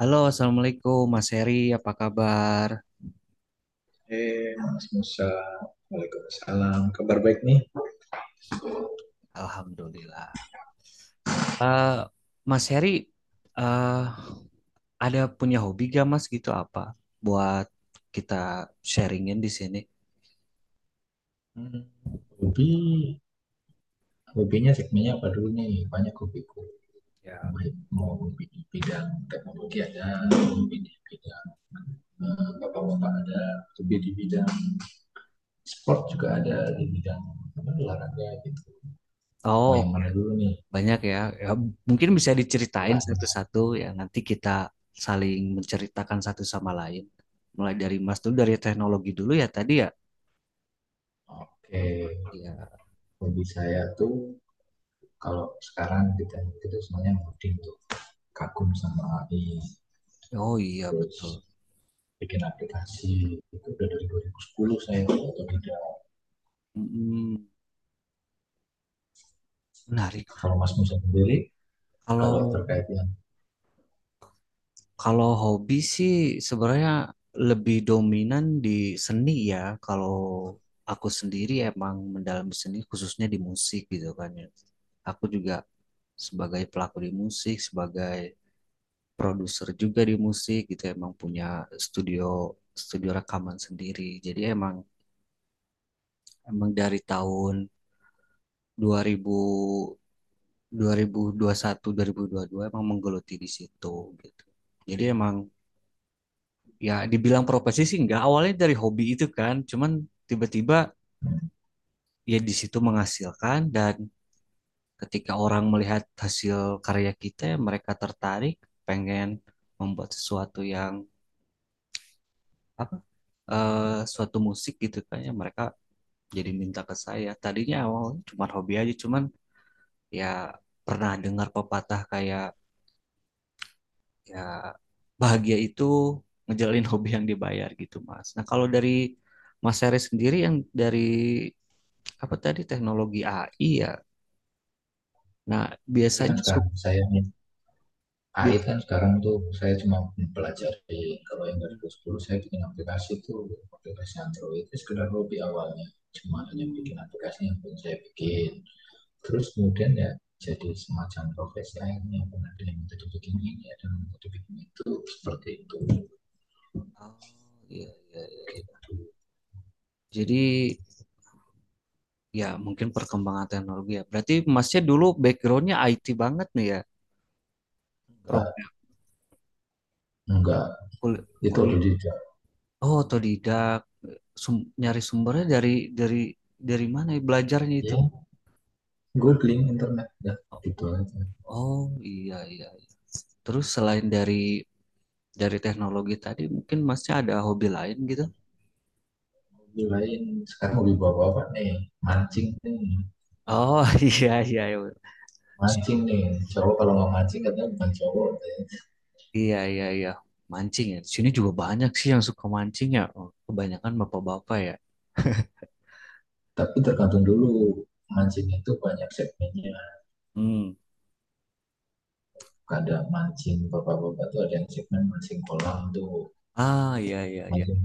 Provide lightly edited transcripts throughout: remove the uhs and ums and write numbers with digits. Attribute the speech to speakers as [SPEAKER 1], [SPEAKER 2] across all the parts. [SPEAKER 1] Halo, Assalamualaikum Mas Heri, apa kabar?
[SPEAKER 2] Eh, Mas Musa, waalaikumsalam. Kabar baik nih?
[SPEAKER 1] Alhamdulillah. Eh, Mas Heri, eh, ada punya hobi gak Mas gitu apa? Buat kita sharingin di sini.
[SPEAKER 2] Hmm, hobi, hobinya segmennya apa dulu nih? Banyak hobiku.
[SPEAKER 1] Ya.
[SPEAKER 2] Baik, mau hobi di bidang teknologi ada, hobi di bidang bapak-bapak ada, hobi di bidang sport juga ada, di bidang apa, olahraga gitu.
[SPEAKER 1] Oh,
[SPEAKER 2] Mau yang
[SPEAKER 1] oke.
[SPEAKER 2] mana dulu nih?
[SPEAKER 1] Banyak ya. Ya, mungkin bisa diceritain
[SPEAKER 2] Wah,
[SPEAKER 1] satu-satu ya. Nanti kita saling menceritakan satu sama lain. Mulai dari Mas dulu, dari teknologi dulu ya tadi ya.
[SPEAKER 2] oke.
[SPEAKER 1] Ya.
[SPEAKER 2] Hobi saya tuh kalau sekarang kita itu semuanya ngoding tuh, kagum sama AI,
[SPEAKER 1] Oh iya
[SPEAKER 2] terus
[SPEAKER 1] betul.
[SPEAKER 2] bikin aplikasi itu udah dari 2010, saya atau tidak.
[SPEAKER 1] Mm, menarik.
[SPEAKER 2] Kalau Mas Musa sendiri,
[SPEAKER 1] Kalau
[SPEAKER 2] kalau terkait yang
[SPEAKER 1] Kalau hobi sih sebenarnya lebih dominan di seni ya. Kalau aku sendiri emang mendalami seni khususnya di musik gitu kan ya. Aku juga sebagai pelaku di musik, sebagai produser juga di musik gitu emang punya studio studio rekaman sendiri. Jadi emang emang dari tahun 2000 2021 dua ribu dua puluh satu 2022 emang menggeluti di situ gitu. Jadi emang ya dibilang profesi sih enggak, awalnya dari hobi itu kan, cuman tiba-tiba ya di situ menghasilkan dan ketika orang melihat hasil karya kita ya mereka tertarik pengen membuat sesuatu yang apa eh suatu musik gitu kan ya mereka jadi minta ke saya, tadinya awalnya cuma hobi aja, cuman ya pernah dengar pepatah kayak ya bahagia itu ngejalin hobi yang dibayar gitu Mas. Nah kalau dari Mas Seri sendiri yang dari apa tadi teknologi AI ya. Nah,
[SPEAKER 2] AI, kan
[SPEAKER 1] biasanya
[SPEAKER 2] sekarang saya, AI
[SPEAKER 1] biasanya-
[SPEAKER 2] kan sekarang tuh saya cuma mempelajari. Kalau yang dari 2010 saya bikin aplikasi itu, aplikasi Android itu sekedar hobi awalnya, cuma hanya
[SPEAKER 1] Hmm.
[SPEAKER 2] bikin aplikasi yang pun saya bikin, terus kemudian ya jadi semacam profesi akhirnya. Pernah ada yang minta dibikin ini, ada yang minta dibikin itu, seperti itu
[SPEAKER 1] Oh, iya, iya, iya.
[SPEAKER 2] gitu.
[SPEAKER 1] Jadi ya mungkin perkembangan teknologi ya. Berarti Masnya dulu backgroundnya IT banget nih ya. Program
[SPEAKER 2] enggak enggak, itu udah
[SPEAKER 1] kuliah.
[SPEAKER 2] tidak.
[SPEAKER 1] Oh, otodidak. Nyari sumbernya dari dari dari mana ya belajarnya itu?
[SPEAKER 2] Ya gue bling internet dah, gitu aja.
[SPEAKER 1] Oh, iya, iya, iya. Terus selain dari teknologi tadi, mungkin Masnya ada hobi lain gitu?
[SPEAKER 2] Hobi lain, sekarang hobi bapak bapak nih, mancing nih,
[SPEAKER 1] Oh, iya, iya,
[SPEAKER 2] mancing
[SPEAKER 1] iya.
[SPEAKER 2] nih cowok, kalau nggak mancing katanya bukan cowok deh.
[SPEAKER 1] Iya, iya, iya. Mancing ya. Di sini juga banyak sih yang suka mancing ya. Oh, kebanyakan bapak-bapak ya.
[SPEAKER 2] Tapi tergantung dulu, mancing itu banyak segmennya.
[SPEAKER 1] Hmm.
[SPEAKER 2] Ada mancing bapak bapak tuh, ada yang segmen mancing kolam tuh.
[SPEAKER 1] Ah, iya, iya, iya.
[SPEAKER 2] mancing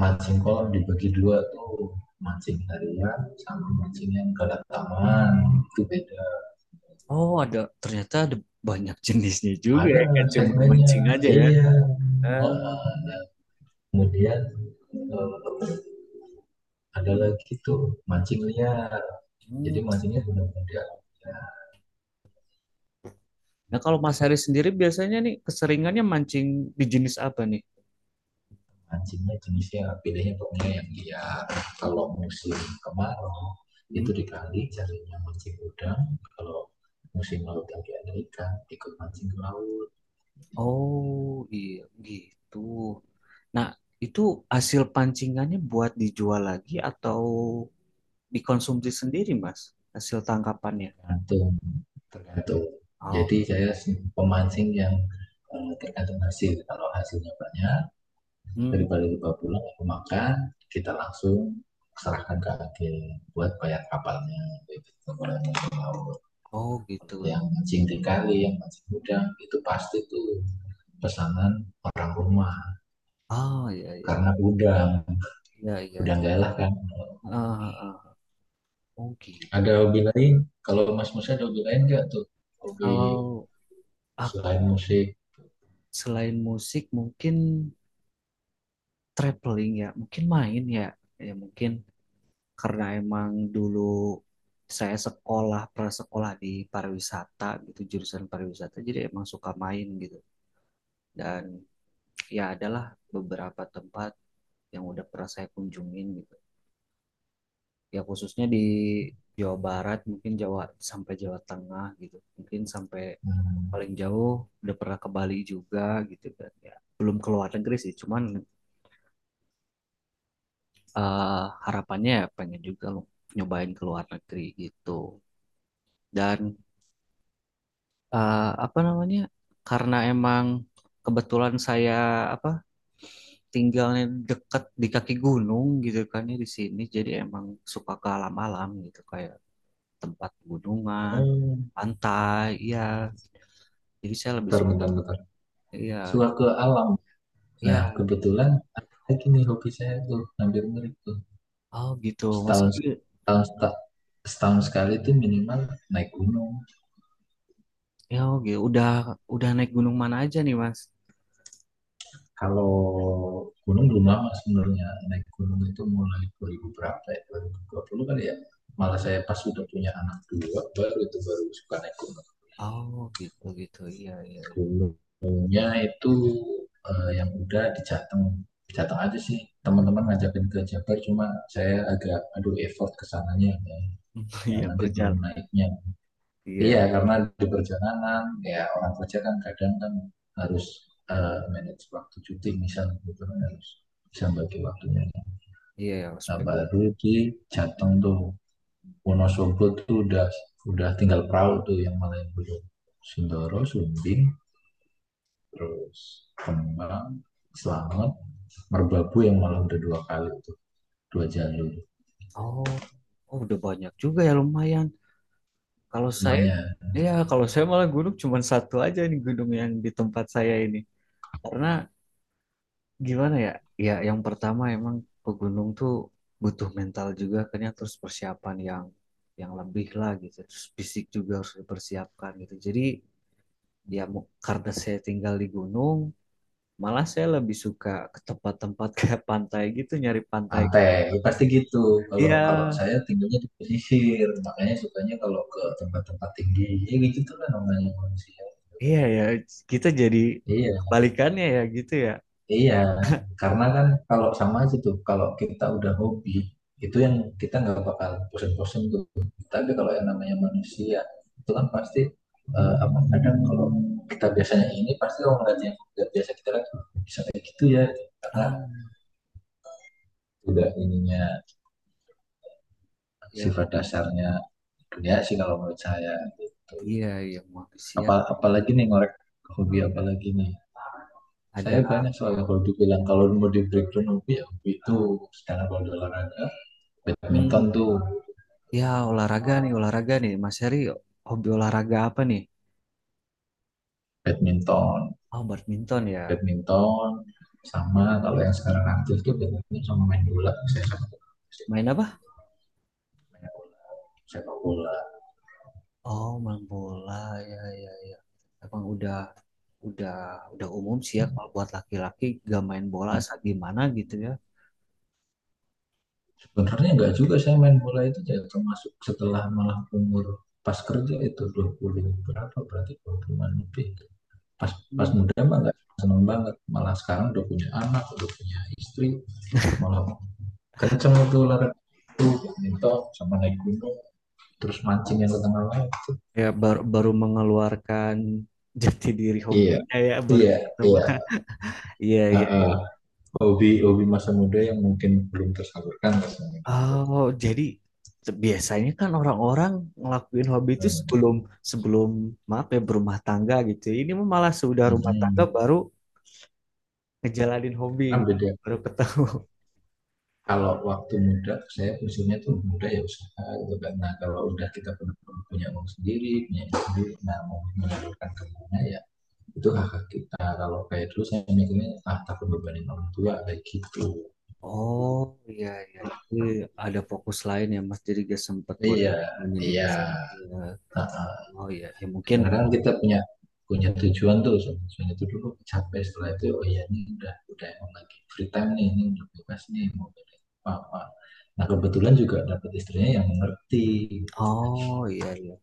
[SPEAKER 2] mancing kolam dibagi dua tuh, mancing harian sama mancing yang ke taman, itu beda.
[SPEAKER 1] Oh, ada ternyata ada banyak jenisnya juga ya.
[SPEAKER 2] Ada
[SPEAKER 1] Nggak cuma
[SPEAKER 2] segmennya,
[SPEAKER 1] mancing aja ya.
[SPEAKER 2] iya. Oh,
[SPEAKER 1] Ah.
[SPEAKER 2] ada. Kemudian eh, ada lagi tuh mancing liar,
[SPEAKER 1] Hmm.
[SPEAKER 2] jadi mancingnya benar benda ya,
[SPEAKER 1] Nah, kalau
[SPEAKER 2] gitu.
[SPEAKER 1] Mas Haris sendiri biasanya nih keseringannya mancing di jenis apa nih?
[SPEAKER 2] Mancingnya jenisnya bedanya pokoknya yang dia, kalau musim kemarau itu
[SPEAKER 1] Hmm.
[SPEAKER 2] di kali carinya mancing udang. Kalau musim laut lagi ada ikan, ikut mancing ke laut.
[SPEAKER 1] Oh, iya gitu. Nah, itu hasil pancingannya buat dijual lagi atau dikonsumsi sendiri, Mas? Hasil tangkapannya.
[SPEAKER 2] Tergantung tergantung, jadi saya pemancing yang tergantung hasil. Kalau hasilnya banyak
[SPEAKER 1] Oh.
[SPEAKER 2] daripada lupa pulang aku makan, kita langsung serahkan ke agen buat bayar kapalnya gitu. Yang
[SPEAKER 1] Oh gitu.
[SPEAKER 2] kalau yang mancing di kali, yang mancing udang, itu pasti tuh pesanan orang rumah,
[SPEAKER 1] Oh ya, ya,
[SPEAKER 2] karena udang
[SPEAKER 1] ya, ya.
[SPEAKER 2] udang galah kan.
[SPEAKER 1] Ah, ah. Oh gitu.
[SPEAKER 2] Ada hobi lain, kalau Mas Musa ada hobi lain nggak tuh, hobi
[SPEAKER 1] Kalau aku
[SPEAKER 2] selain musik.
[SPEAKER 1] selain musik mungkin traveling ya, mungkin main ya. Ya mungkin karena emang dulu saya sekolah prasekolah di pariwisata gitu, jurusan pariwisata, jadi emang suka main gitu. Dan ya adalah beberapa tempat yang udah pernah saya kunjungin gitu. Ya khususnya di Jawa Barat mungkin Jawa sampai Jawa Tengah gitu. Mungkin sampai
[SPEAKER 2] Hmm.
[SPEAKER 1] paling jauh udah pernah ke Bali juga gitu kan ya, belum ke luar negeri sih cuman harapannya ya pengen juga lo nyobain ke luar negeri gitu dan apa namanya, karena emang kebetulan saya apa tinggalnya dekat di kaki gunung gitu kan ya di sini, jadi emang suka ke alam-alam gitu, kayak tempat gunungan,
[SPEAKER 2] Oh,
[SPEAKER 1] pantai ya, jadi saya lebih
[SPEAKER 2] bentar
[SPEAKER 1] suka.
[SPEAKER 2] bentar bentar,
[SPEAKER 1] Ya,
[SPEAKER 2] suka ke alam. Nah
[SPEAKER 1] ya.
[SPEAKER 2] kebetulan ada lagi nih hobi saya tuh hampir mirip tuh.
[SPEAKER 1] Oh gitu, masih.
[SPEAKER 2] Setahun setahun seta- Setahun sekali itu minimal naik gunung.
[SPEAKER 1] Ya, oh, gitu. Udah naik gunung mana aja nih, Mas?
[SPEAKER 2] Kalau gunung belum lama sebenarnya, naik gunung itu mulai 2000 berapa ya, 2020 kali ya. Malah saya pas sudah punya anak dua, baru itu baru suka naik gunung.
[SPEAKER 1] Oh, gitu, gitu. Iya, iya, iya.
[SPEAKER 2] Gunungnya itu yang udah di Jateng. Jateng aja sih, teman-teman ngajakin ke Jabar, cuma saya agak aduh, effort kesananya ya. Nah,
[SPEAKER 1] Iya,
[SPEAKER 2] nanti belum
[SPEAKER 1] perjalanan.
[SPEAKER 2] naiknya.
[SPEAKER 1] Iya,
[SPEAKER 2] Iya, karena di perjalanan, ya orang kerja kan kadang kan harus manage waktu cuti misalnya, gitu kan harus bisa bagi waktunya.
[SPEAKER 1] iya, ya,
[SPEAKER 2] Nah,
[SPEAKER 1] spek walk.
[SPEAKER 2] baru di Jateng tuh
[SPEAKER 1] Hmm.
[SPEAKER 2] Wonosobo tuh udah tinggal perahu tuh, yang Malioboro, Sindoro, Sumbing, terus Kembang, Slamet, Merbabu yang malah udah dua kali tuh, dua jalur.
[SPEAKER 1] Oh, oh, udah banyak juga ya lumayan. Kalau saya
[SPEAKER 2] Lumayan.
[SPEAKER 1] Iya, kalau saya malah gunung cuma satu aja nih, gunung yang di tempat saya ini. Karena gimana ya? Ya, yang pertama emang pegunung tuh butuh mental juga kan ya, terus persiapan yang lebih lah gitu. Terus fisik juga harus dipersiapkan gitu. Jadi ya karena saya tinggal di gunung, malah saya lebih suka ke tempat-tempat kayak pantai gitu, nyari pantai.
[SPEAKER 2] Pantai, ya pasti gitu. Kalau
[SPEAKER 1] Iya,
[SPEAKER 2] kalau saya tinggalnya di pesisir, makanya sukanya kalau ke tempat-tempat tinggi. Ya gitu lah namanya manusia.
[SPEAKER 1] iya ya, kita jadi
[SPEAKER 2] Iya,
[SPEAKER 1] kebalikannya ya gitu ya.
[SPEAKER 2] iya. Karena kan kalau sama aja tuh, kalau kita udah hobi, itu yang kita nggak bakal bosen-bosen tuh. Tapi kalau yang namanya manusia, itu kan pasti apa, kadang kalau kita biasanya ini pasti orang lain yang nggak biasa kita, kan bisa kayak gitu ya. Karena
[SPEAKER 1] Ah,
[SPEAKER 2] udah ininya,
[SPEAKER 1] ya,
[SPEAKER 2] sifat dasarnya dunia sih kalau menurut saya, gitu.
[SPEAKER 1] iya, iya, manusia
[SPEAKER 2] Apa, apalagi nih ngorek, hobi apalagi nih?
[SPEAKER 1] ada.
[SPEAKER 2] Saya banyak soalnya kalau dibilang, kalau mau di breakdown hobi ya hobi itu. Sekarang kalau di olahraga, badminton
[SPEAKER 1] Hmm,
[SPEAKER 2] tuh.
[SPEAKER 1] ya olahraga nih, olahraga nih. Mas Heri, hobi olahraga apa nih?
[SPEAKER 2] Badminton,
[SPEAKER 1] Oh, badminton ya.
[SPEAKER 2] badminton sama kalau yang sekarang aktif tuh badminton sama main bola. Saya sama
[SPEAKER 1] Main apa?
[SPEAKER 2] main bola, sepak bola.
[SPEAKER 1] Oh, main bola, ya, ya, ya. Emang udah, udah umum sih ya kalau buat laki-laki gak main bola, saat gimana gitu ya.
[SPEAKER 2] Sebenarnya enggak juga, saya main bola itu ya termasuk setelah, malah umur pas kerja itu 20 berapa, berarti 20 lebih. pas
[SPEAKER 1] Oh,
[SPEAKER 2] pas muda mah nggak seneng banget, malah sekarang udah punya anak udah punya istri malah kenceng itu olahraga, itu minto sama naik gunung, terus mancing yang ke tengah laut.
[SPEAKER 1] ya baru baru mengeluarkan jati diri
[SPEAKER 2] Iya,
[SPEAKER 1] hobinya ya, baru
[SPEAKER 2] iya,
[SPEAKER 1] ketemu.
[SPEAKER 2] iya.
[SPEAKER 1] Iya,
[SPEAKER 2] Uh,
[SPEAKER 1] iya, iya.
[SPEAKER 2] uh, hobi hobi masa muda yang mungkin belum tersalurkan rasanya gitu.
[SPEAKER 1] Oh jadi biasanya kan orang-orang ngelakuin hobi itu
[SPEAKER 2] Hmm.
[SPEAKER 1] sebelum sebelum maaf ya berumah tangga gitu ya. Ini mah malah sudah rumah tangga
[SPEAKER 2] mm
[SPEAKER 1] baru ngejalanin hobi
[SPEAKER 2] karena
[SPEAKER 1] gitu,
[SPEAKER 2] beda,
[SPEAKER 1] baru ketemu.
[SPEAKER 2] kalau waktu muda saya usulnya tuh muda ya usaha gitu kan. Nah kalau udah kita punya, punya uang sendiri, punya sendiri, nah mau menyalurkan kemana ya. Itu kakak kita, kalau kayak dulu saya mikirnya ah takut bebanin orang tua kayak gitu.
[SPEAKER 1] Oh iya, iya, jadi ada fokus lain ya Mas, jadi gak sempat buat
[SPEAKER 2] Iya iya.
[SPEAKER 1] menyelidiki ya.
[SPEAKER 2] Nah,
[SPEAKER 1] Oh iya ya mungkin.
[SPEAKER 2] kadang-kadang kita punya, punya tujuan tuh. Tujuan itu dulu capek, setelah itu oh iya ini udah emang lagi free time nih, ini udah bebas nih, mau pilih apa apa. Nah kebetulan juga dapat istrinya yang mengerti.
[SPEAKER 1] Oh iya, iya.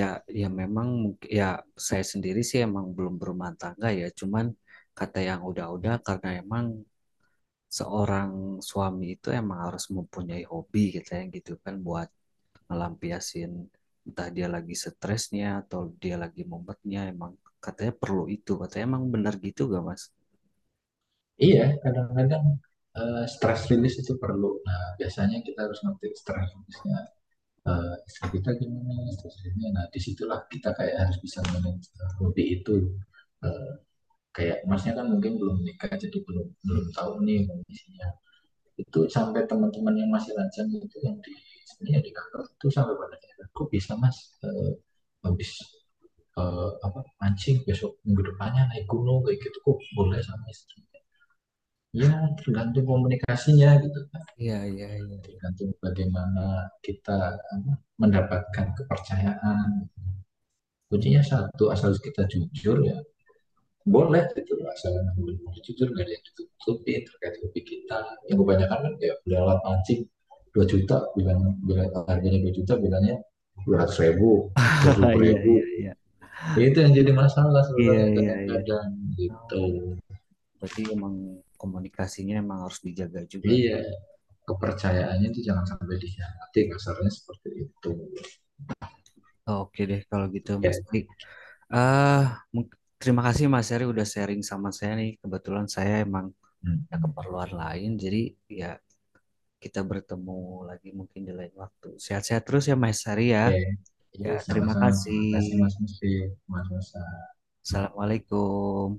[SPEAKER 1] Ya, ya memang mungkin ya, saya sendiri sih emang belum berumah tangga ya. Cuman kata yang udah-udah, karena emang seorang suami itu emang harus mempunyai hobi gitu ya gitu kan, buat ngelampiasin entah dia lagi stresnya atau dia lagi mumetnya, emang katanya perlu itu. Katanya emang benar gitu gak Mas?
[SPEAKER 2] Iya, kadang-kadang stress release itu perlu. Nah biasanya kita harus ngerti stress release-nya, istri kita gimana istrinya. Nah disitulah kita kayak harus bisa manage hobi itu. Eh, kayak masnya kan mungkin belum nikah, jadi belum belum tahu nih kondisinya itu. Sampai teman-teman yang masih lajang itu, yang di sini yang di kantor itu, sampai pada akhirnya kok bisa mas eh, habis apa mancing, besok minggu depannya naik gunung kayak gitu, kok boleh sama istri. Ya tergantung komunikasinya gitu kan,
[SPEAKER 1] Iya, iya, iya.
[SPEAKER 2] tergantung bagaimana kita apa, mendapatkan kepercayaan. Kuncinya satu, asal kita jujur ya, boleh gitu, asal boleh jujur, nggak ada yang ditutupi terkait hobi kita. Yang kebanyakan kan ya udah, alat mancing 2 juta, bilang bilang harganya 2 juta, bilangnya 200 ribu, 20
[SPEAKER 1] Iya,
[SPEAKER 2] ribu
[SPEAKER 1] iya, iya.
[SPEAKER 2] Ya itu yang jadi masalah
[SPEAKER 1] Iya,
[SPEAKER 2] sebenarnya,
[SPEAKER 1] iya, iya.
[SPEAKER 2] kadang-kadang
[SPEAKER 1] Oh,
[SPEAKER 2] gitu.
[SPEAKER 1] berarti emang komunikasinya emang harus dijaga juga.
[SPEAKER 2] Iya, kepercayaannya itu jangan sampai dikhianati, kasarnya seperti itu.
[SPEAKER 1] Oke deh kalau gitu
[SPEAKER 2] Oke,
[SPEAKER 1] Mas.
[SPEAKER 2] okay.
[SPEAKER 1] Eh, mung- terima kasih Mas Heri udah sharing sama saya nih. Kebetulan saya emang
[SPEAKER 2] mm
[SPEAKER 1] ada
[SPEAKER 2] -hmm.
[SPEAKER 1] keperluan lain, jadi ya kita bertemu lagi mungkin di lain waktu. Sehat-sehat terus ya Mas
[SPEAKER 2] Oke,
[SPEAKER 1] Heri ya.
[SPEAKER 2] okay. Iya,
[SPEAKER 1] Ya, terima
[SPEAKER 2] sama-sama. Terima
[SPEAKER 1] kasih.
[SPEAKER 2] kasih Mas Musi, Mas Musa.
[SPEAKER 1] Assalamualaikum.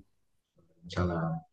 [SPEAKER 2] Salam.